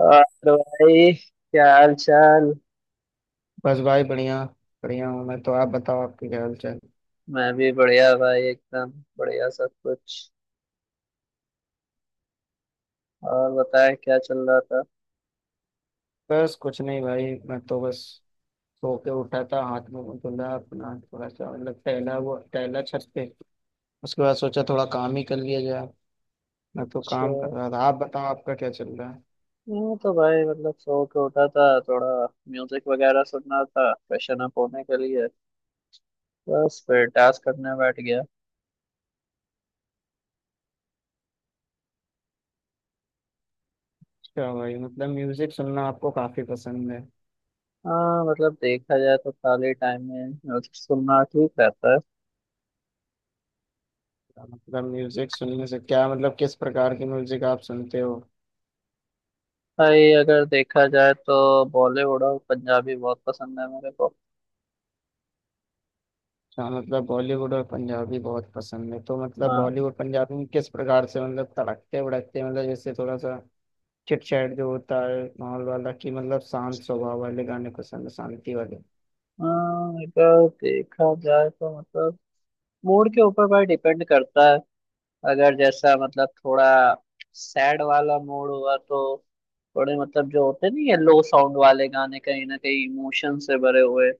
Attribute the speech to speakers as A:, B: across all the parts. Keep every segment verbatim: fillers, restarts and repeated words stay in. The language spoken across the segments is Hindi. A: और भाई क्या हाल चाल।
B: बस भाई बढ़िया। बढ़िया हूँ। मैं तो आप बताओ, आपकी क्या हाल चाल।
A: मैं भी बढ़िया भाई एकदम बढ़िया सब कुछ। और बताएं क्या चल रहा था।
B: बस कुछ नहीं भाई, मैं तो बस सो के उठा था, हाथ में मुंह धुला अपना, थोड़ा सा मतलब टहला हुआ, टहला छत पे। उसके बाद सोचा थोड़ा काम ही कर लिया जाए। मैं तो
A: अच्छा।
B: काम कर रहा था, आप बताओ आपका क्या चल रहा है।
A: मैं तो भाई मतलब सो के उठा था थोड़ा, म्यूजिक वगैरह सुनना था फ्रेशन अप होने के लिए। बस फिर टास्क करने बैठ गया।
B: अच्छा भाई, मतलब म्यूजिक सुनना आपको काफी पसंद है।
A: हाँ मतलब देखा जाए तो खाली टाइम में म्यूजिक सुनना ठीक रहता है।
B: मतलब म्यूजिक सुनने से क्या मतलब, किस प्रकार की म्यूजिक आप सुनते हो।
A: भाई अगर देखा जाए तो बॉलीवुड और पंजाबी बहुत पसंद है मेरे को।
B: हाँ, मतलब बॉलीवुड और पंजाबी बहुत पसंद है तो मतलब
A: हाँ।
B: बॉलीवुड पंजाबी में किस प्रकार से, मतलब तड़कते भड़कते, मतलब जैसे थोड़ा सा चिटचैट जो होता है माहौल वाला, कि मतलब शांत स्वभाव वाले गाने पसंद है, शांति वाले।
A: हाँ, अगर देखा जाए तो मतलब मूड के ऊपर पर डिपेंड करता है। अगर जैसा मतलब थोड़ा सैड वाला मूड हुआ तो थोड़े मतलब जो होते नहीं है लो साउंड वाले गाने, कहीं ना कहीं इमोशन से भरे हुए,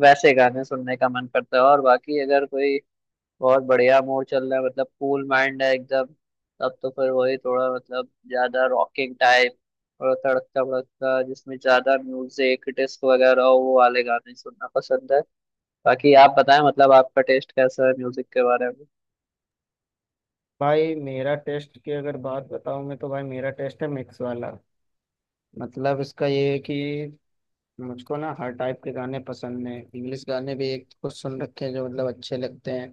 A: वैसे गाने सुनने का मन करता है। और बाकी अगर कोई बहुत बढ़िया मूड चल रहा है, मतलब कूल माइंड है एकदम, तब तो फिर वही थोड़ा मतलब ज्यादा रॉकिंग टाइप और तड़कता भड़कता जिसमें ज्यादा म्यूजिक डिस्क वगैरह हो, वो वाले गाने सुनना पसंद है। बाकी आप बताएं मतलब आपका टेस्ट कैसा है म्यूजिक के बारे में।
B: भाई मेरा टेस्ट की अगर बात बताऊं, मैं तो भाई मेरा टेस्ट है मिक्स वाला। मतलब इसका ये है कि मुझको ना हर टाइप के गाने पसंद हैं। इंग्लिश गाने भी एक कुछ सुन रखे हैं जो मतलब अच्छे लगते हैं,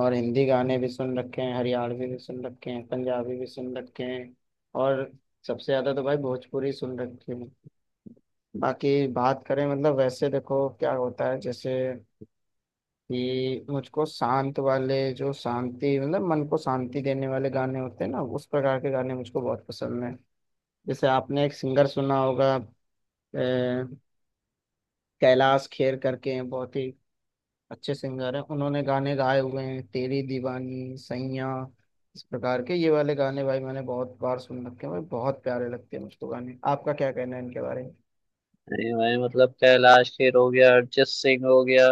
B: और हिंदी गाने भी सुन रखे हैं, हरियाणवी भी सुन रखे हैं, पंजाबी भी सुन रखे हैं। और सबसे ज्यादा तो भाई भोजपुरी सुन रखे हैं। बाकी बात करें, मतलब वैसे देखो क्या होता है, जैसे कि मुझको शांत वाले जो शांति, मतलब मन को शांति देने वाले गाने होते हैं ना, उस प्रकार के गाने मुझको बहुत पसंद हैं। जैसे आपने एक सिंगर सुना होगा, अ, कैलाश खेर करके हैं, बहुत ही अच्छे सिंगर हैं। उन्होंने गाने गाए हुए हैं तेरी दीवानी सैयां, इस प्रकार के ये वाले गाने भाई मैंने बहुत बार सुन रखे हैं भाई। बहुत प्यारे लगते हैं मुझको गाने। आपका क्या कहना है इनके बारे में।
A: नहीं भाई मतलब कैलाश खेर हो गया, अरिजीत सिंह हो गया,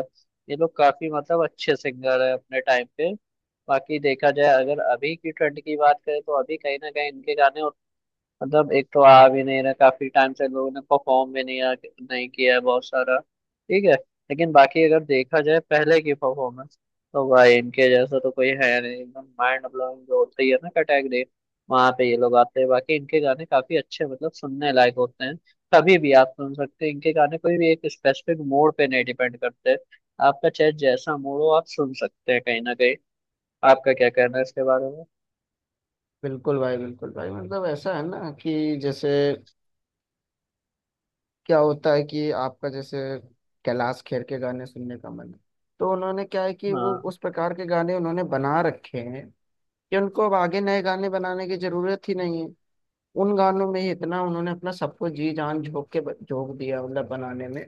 A: ये लोग काफी मतलब अच्छे सिंगर है अपने टाइम पे। बाकी देखा जाए, अगर अभी की ट्रेंड की बात करें तो अभी कहीं ना कहीं इनके गाने मतलब, एक तो आ भी नहीं रहा काफी टाइम से, लोगों ने परफॉर्म भी नहीं आ, नहीं किया है बहुत सारा, ठीक है। लेकिन बाकी अगर देखा जाए पहले की परफॉर्मेंस, तो भाई इनके जैसा तो कोई है नहीं। एकदम माइंड ब्लोइंग जो होता ही है ना कैटेगरी, वहां पे ये लोग आते हैं। बाकी इनके गाने काफी अच्छे मतलब सुनने लायक होते हैं। कभी भी आप सुन सकते हैं इनके गाने, कोई भी एक स्पेसिफिक मूड पे नहीं डिपेंड करते। आपका चाहे जैसा मूड हो आप सुन सकते हैं कहीं ना कहीं। आपका क्या कहना है इसके बारे में।
B: बिल्कुल भाई, बिल्कुल भाई, मतलब ऐसा है ना कि जैसे क्या होता है कि आपका जैसे कैलाश खेर के गाने सुनने का मन है, तो उन्होंने क्या है कि वो
A: हाँ।
B: उस प्रकार के गाने उन्होंने बना रखे हैं कि उनको अब आगे नए गाने बनाने की जरूरत ही नहीं है। उन गानों में ही इतना उन्होंने अपना सब कुछ जी जान झोंक के ब- झोंक दिया, मतलब बनाने में।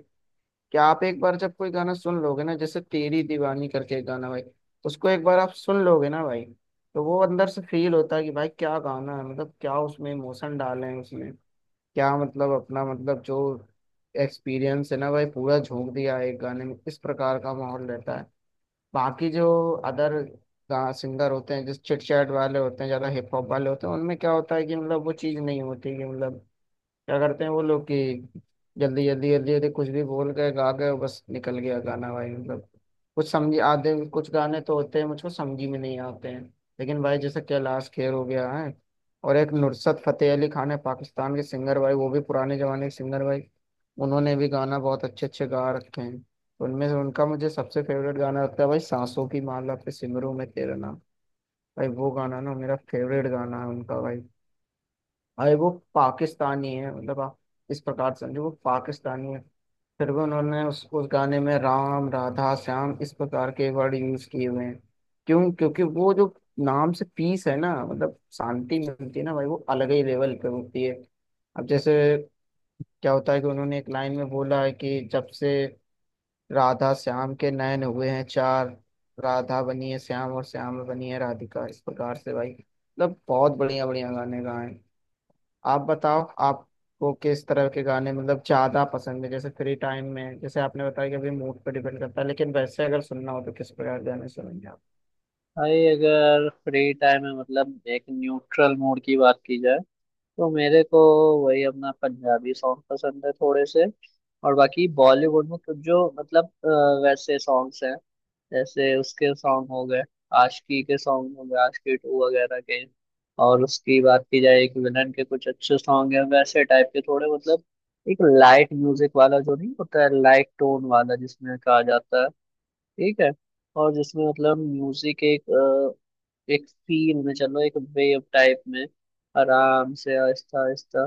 B: कि आप एक बार जब कोई गाना सुन लोगे ना, जैसे तेरी दीवानी करके एक गाना भाई, उसको एक बार आप सुन लोगे ना भाई, तो वो अंदर से फील होता है कि भाई क्या गाना है, मतलब क्या उसमें इमोशन डाले हैं उसने। क्या मतलब, अपना मतलब जो एक्सपीरियंस है ना भाई, पूरा झोंक दिया है एक गाने में। इस प्रकार का माहौल रहता है। बाकी जो अदर सिंगर होते हैं, जिस चिट चैट वाले होते हैं, ज्यादा हिप हॉप वाले होते हैं, उनमें क्या होता है कि मतलब वो चीज नहीं होती कि मतलब क्या करते हैं वो लोग कि जल्दी जल्दी जल्दी जल्दी कुछ भी बोल गए, गा गए और बस निकल गया गाना भाई। मतलब कुछ समझ आधे, कुछ गाने तो होते हैं मुझको समझ ही में नहीं आते हैं। लेकिन भाई जैसे कैलाश खेर हो गया है, और एक नुसरत फतेह अली खान है पाकिस्तान के सिंगर भाई, वो भी पुराने जमाने के सिंगर भाई, उन्होंने भी गाना बहुत अच्छे अच्छे गा रखे हैं। तो उनमें से उनका मुझे सबसे फेवरेट गाना लगता है भाई, सांसों की माला पे सिमरू मैं तेरा नाम। भाई वो गाना ना मेरा फेवरेट गाना है उनका भाई। अरे वो पाकिस्तानी है, मतलब आप इस प्रकार समझो वो पाकिस्तानी है। फिर भी उन्होंने उस उस गाने में राम राधा श्याम इस प्रकार के वर्ड यूज किए हुए हैं। क्यों? क्योंकि वो जो नाम से पीस है ना, मतलब शांति मिलती है ना भाई, वो अलग ही लेवल पे होती है। अब जैसे क्या होता है कि उन्होंने एक लाइन में बोला है कि जब से राधा श्याम के नयन हुए हैं चार, राधा बनी है श्याम और श्याम बनी है राधिका, इस प्रकार से भाई, मतलब बहुत बढ़िया बढ़िया गाने गाए हैं। आप बताओ आपको किस तरह के गाने मतलब ज्यादा पसंद है, जैसे फ्री टाइम में, जैसे आपने बताया कि अभी मूड पे डिपेंड करता है, लेकिन वैसे अगर सुनना हो तो किस प्रकार के गाने सुनेंगे आप।
A: भाई अगर फ्री टाइम में मतलब एक न्यूट्रल मूड की बात की जाए, तो मेरे को वही अपना पंजाबी सॉन्ग पसंद है थोड़े से। और बाकी बॉलीवुड में कुछ जो मतलब अ, वैसे सॉन्ग्स हैं, जैसे उसके सॉन्ग हो गए, आशिकी के सॉन्ग हो गए, आशिकी टू वगैरह के। और उसकी बात की जाए, एक विलन के कुछ अच्छे सॉन्ग हैं, वैसे टाइप के थोड़े मतलब एक लाइट म्यूजिक वाला जो नहीं होता है, लाइट टोन वाला जिसमें कहा जाता है ठीक है, और जिसमें मतलब म्यूजिक एक एक फील में चलो, एक वेव टाइप में आराम से आहिस्ता आहिस्ता,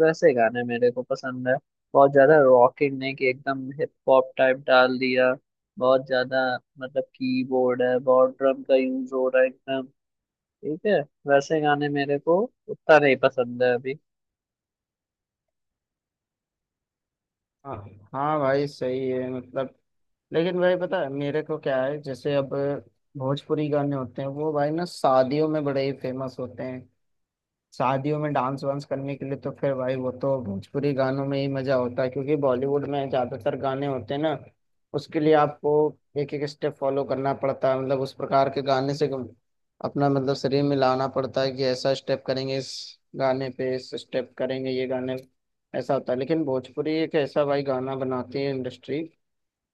A: वैसे गाने मेरे को पसंद है। बहुत ज्यादा रॉकिंग नहीं कि एकदम हिप हॉप टाइप डाल दिया, बहुत ज्यादा मतलब कीबोर्ड है, बहुत ड्रम का यूज हो रहा है एकदम, ठीक है, वैसे गाने मेरे को उतना नहीं पसंद है अभी।
B: हाँ, हाँ भाई, सही है मतलब। लेकिन भाई पता है मेरे को क्या है, जैसे अब भोजपुरी गाने होते हैं वो भाई ना शादियों में बड़े ही फेमस होते हैं। शादियों में डांस वांस करने के लिए तो फिर भाई वो तो भोजपुरी गानों में ही मजा होता है, क्योंकि बॉलीवुड में ज्यादातर गाने होते हैं ना, उसके लिए आपको एक एक स्टेप फॉलो करना पड़ता है, मतलब उस प्रकार के गाने से अपना मतलब शरीर मिलाना पड़ता है कि ऐसा स्टेप करेंगे इस गाने पे, इस स्टेप करेंगे ये गाने। ऐसा होता है। लेकिन भोजपुरी एक ऐसा भाई गाना बनाती है इंडस्ट्री,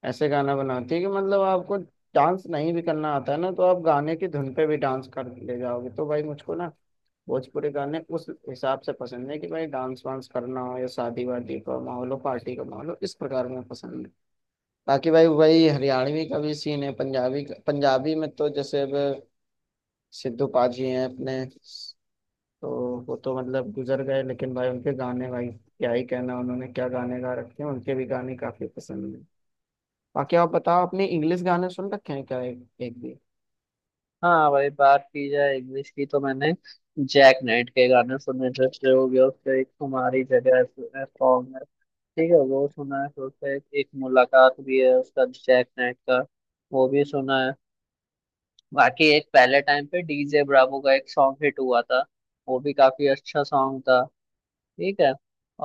B: ऐसे गाना बनाती है कि मतलब आपको डांस नहीं भी करना आता है ना, तो आप गाने की धुन पे भी डांस कर ले जाओगे। तो भाई मुझको ना भोजपुरी गाने उस हिसाब से पसंद है कि भाई डांस वांस करना हो या शादी वादी का माहौल हो, पार्टी का माहौल हो, इस प्रकार में पसंद है। बाकी भाई वही हरियाणवी का भी सीन है, पंजाबी का, पंजाबी में तो जैसे अब सिद्धू पाजी हैं अपने, तो वो तो मतलब गुजर गए, लेकिन भाई उनके गाने भाई क्या ही कहना, उन्होंने क्या गाने गा रखे हैं, उनके भी गाने काफी पसंद है। बाकी आप बताओ अपने इंग्लिश गाने सुन रखे हैं क्या, एक, एक भी।
A: हाँ भाई, बात की जाए इंग्लिश की तो मैंने जैक नाइट के गाने सुने। जैसे हो गया उसका एक तुम्हारी जगह सॉन्ग है, ठीक है वो सुना है। तो उसका एक, एक मुलाकात भी है उसका जैक नाइट का, वो भी सुना है। बाकी एक पहले टाइम पे डीजे ब्रावो का एक सॉन्ग हिट हुआ था, वो भी काफी अच्छा सॉन्ग था, ठीक है।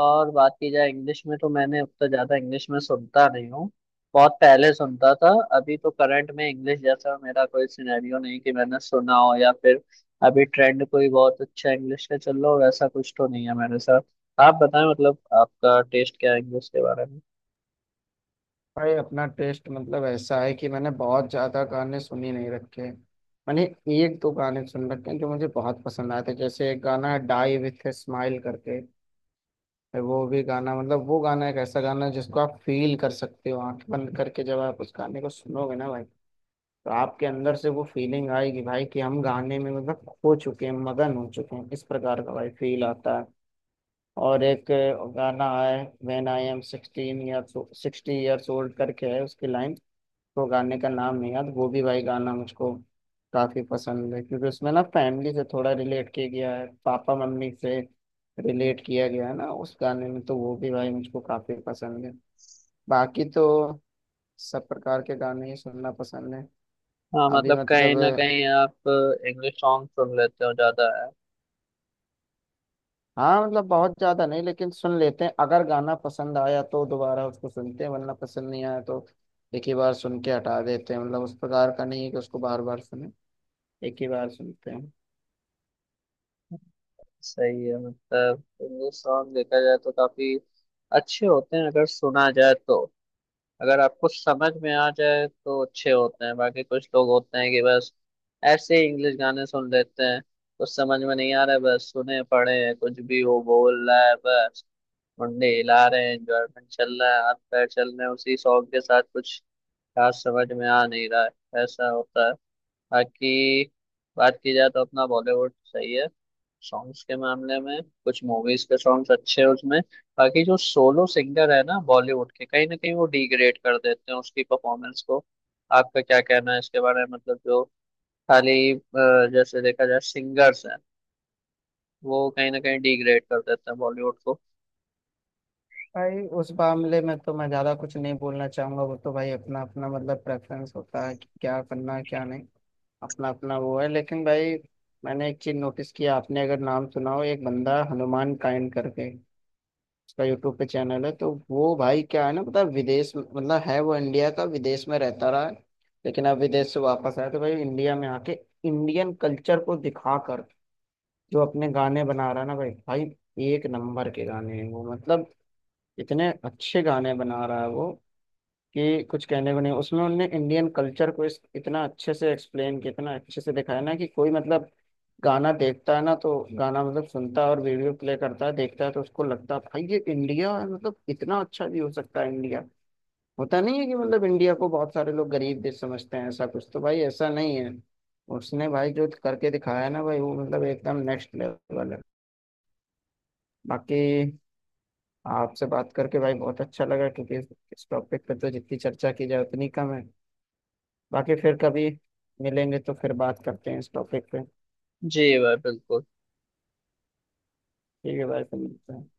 A: और बात की जाए इंग्लिश में तो मैंने उतना ज्यादा इंग्लिश में सुनता नहीं हूँ। बहुत पहले सुनता था, अभी तो करंट में इंग्लिश जैसा मेरा कोई सिनेरियो नहीं कि मैंने सुना हो, या फिर अभी ट्रेंड कोई बहुत अच्छा इंग्लिश का चल रहा हो, वैसा कुछ तो नहीं है मेरे साथ। आप बताएं मतलब आपका टेस्ट क्या है इंग्लिश के बारे में।
B: भाई अपना टेस्ट मतलब ऐसा है कि मैंने बहुत ज्यादा गाने सुन ही नहीं रखे हैं। मैंने एक दो गाने सुन रखे हैं जो मुझे बहुत पसंद आए थे, जैसे एक गाना है डाई विथ ए स्माइल करके। वो भी गाना मतलब वो गाना एक ऐसा गाना है जिसको आप फील कर सकते हो आंख बंद करके, जब आप उस गाने को सुनोगे ना भाई, तो आपके अंदर से वो फीलिंग आएगी भाई कि हम गाने में मतलब खो चुके हैं, मगन हो चुके हैं, इस प्रकार का भाई फील आता है। और एक गाना है when I am sixteen years, sixty years old करके है उसकी लाइन। तो गाने का नाम नहीं याद, वो भी भाई गाना मुझको काफी पसंद है क्योंकि उसमें ना फैमिली से थोड़ा रिलेट किया गया है, पापा मम्मी से रिलेट किया गया है ना उस गाने में, तो वो भी भाई मुझको काफी पसंद है। बाकी तो सब प्रकार के गाने ही सुनना पसंद है।
A: हाँ
B: अभी
A: मतलब कहीं
B: मतलब,
A: ना कहीं आप इंग्लिश सॉन्ग सुन लेते हो ज्यादा है।
B: हाँ, मतलब बहुत ज्यादा नहीं लेकिन सुन लेते हैं। अगर गाना पसंद आया तो दोबारा उसको सुनते हैं, वरना पसंद नहीं आया तो एक ही बार सुन के हटा देते हैं। मतलब उस प्रकार का नहीं है कि उसको बार बार सुने, एक ही बार सुनते हैं।
A: सही है मतलब, इंग्लिश सॉन्ग देखा जाए तो काफी अच्छे होते हैं अगर सुना जाए तो, अगर आपको समझ में आ जाए तो अच्छे होते हैं। बाकी कुछ लोग होते हैं कि बस ऐसे ही इंग्लिश गाने सुन लेते हैं, कुछ समझ में नहीं आ रहा है, बस सुने पड़े हैं, कुछ भी वो बोल रहा है बस, मुंडे हिला रहे हैं, एंजॉयमेंट चल रहा है, हाथ पैर चल रहे हैं उसी सॉन्ग के साथ, कुछ खास समझ में आ नहीं रहा है, ऐसा होता है। बाकी बात की जाए तो अपना बॉलीवुड सही है सॉन्ग्स के मामले में, कुछ मूवीज के सॉन्ग्स अच्छे हैं उसमें। बाकी जो सोलो सिंगर है ना बॉलीवुड के, कहीं ना कहीं वो डिग्रेड कर देते हैं उसकी परफॉर्मेंस को। आपका क्या कहना है इसके बारे में, मतलब जो खाली अ, जैसे देखा जाए सिंगर्स हैं, वो कहीं ना कहीं डिग्रेड कर देते हैं बॉलीवुड को।
B: भाई उस मामले में तो मैं ज्यादा कुछ नहीं बोलना चाहूंगा, वो तो भाई अपना अपना मतलब प्रेफरेंस होता है कि क्या करना है क्या नहीं, अपना अपना वो है। लेकिन भाई मैंने एक चीज नोटिस किया, आपने अगर नाम सुना हो एक बंदा हनुमान काइंड करके, उसका यूट्यूब पे चैनल है। तो वो भाई क्या है ना पता है, विदेश में- मतलब है वो इंडिया का, विदेश में रहता रहा है। लेकिन अब विदेश से वापस आया तो भाई इंडिया में आके इंडियन कल्चर को दिखाकर जो अपने गाने बना रहा है ना भाई भाई, एक नंबर के गाने हैं वो, मतलब इतने अच्छे गाने बना रहा है वो कि कुछ कहने को नहीं। उसमें उनने इंडियन कल्चर को इस इतना अच्छे से एक्सप्लेन किया, इतना अच्छे से दिखाया ना, कि कोई मतलब गाना देखता है ना, तो गाना मतलब सुनता है और वीडियो प्ले करता है देखता है, तो उसको लगता है भाई ये इंडिया है, मतलब इतना अच्छा भी हो सकता है इंडिया। होता नहीं है कि मतलब, इंडिया को बहुत सारे लोग गरीब देश समझते हैं, ऐसा कुछ तो भाई ऐसा नहीं है। उसने भाई जो करके दिखाया है ना भाई, वो मतलब एकदम नेक्स्ट लेवल है। बाकी आपसे बात करके भाई बहुत अच्छा लगा क्योंकि इस टॉपिक पे तो जितनी चर्चा की जाए उतनी कम है। बाकी फिर कभी मिलेंगे तो फिर बात करते हैं इस टॉपिक पे।
A: जी भाई बिल्कुल।
B: ठीक है भाई, फिर मिलते हैं।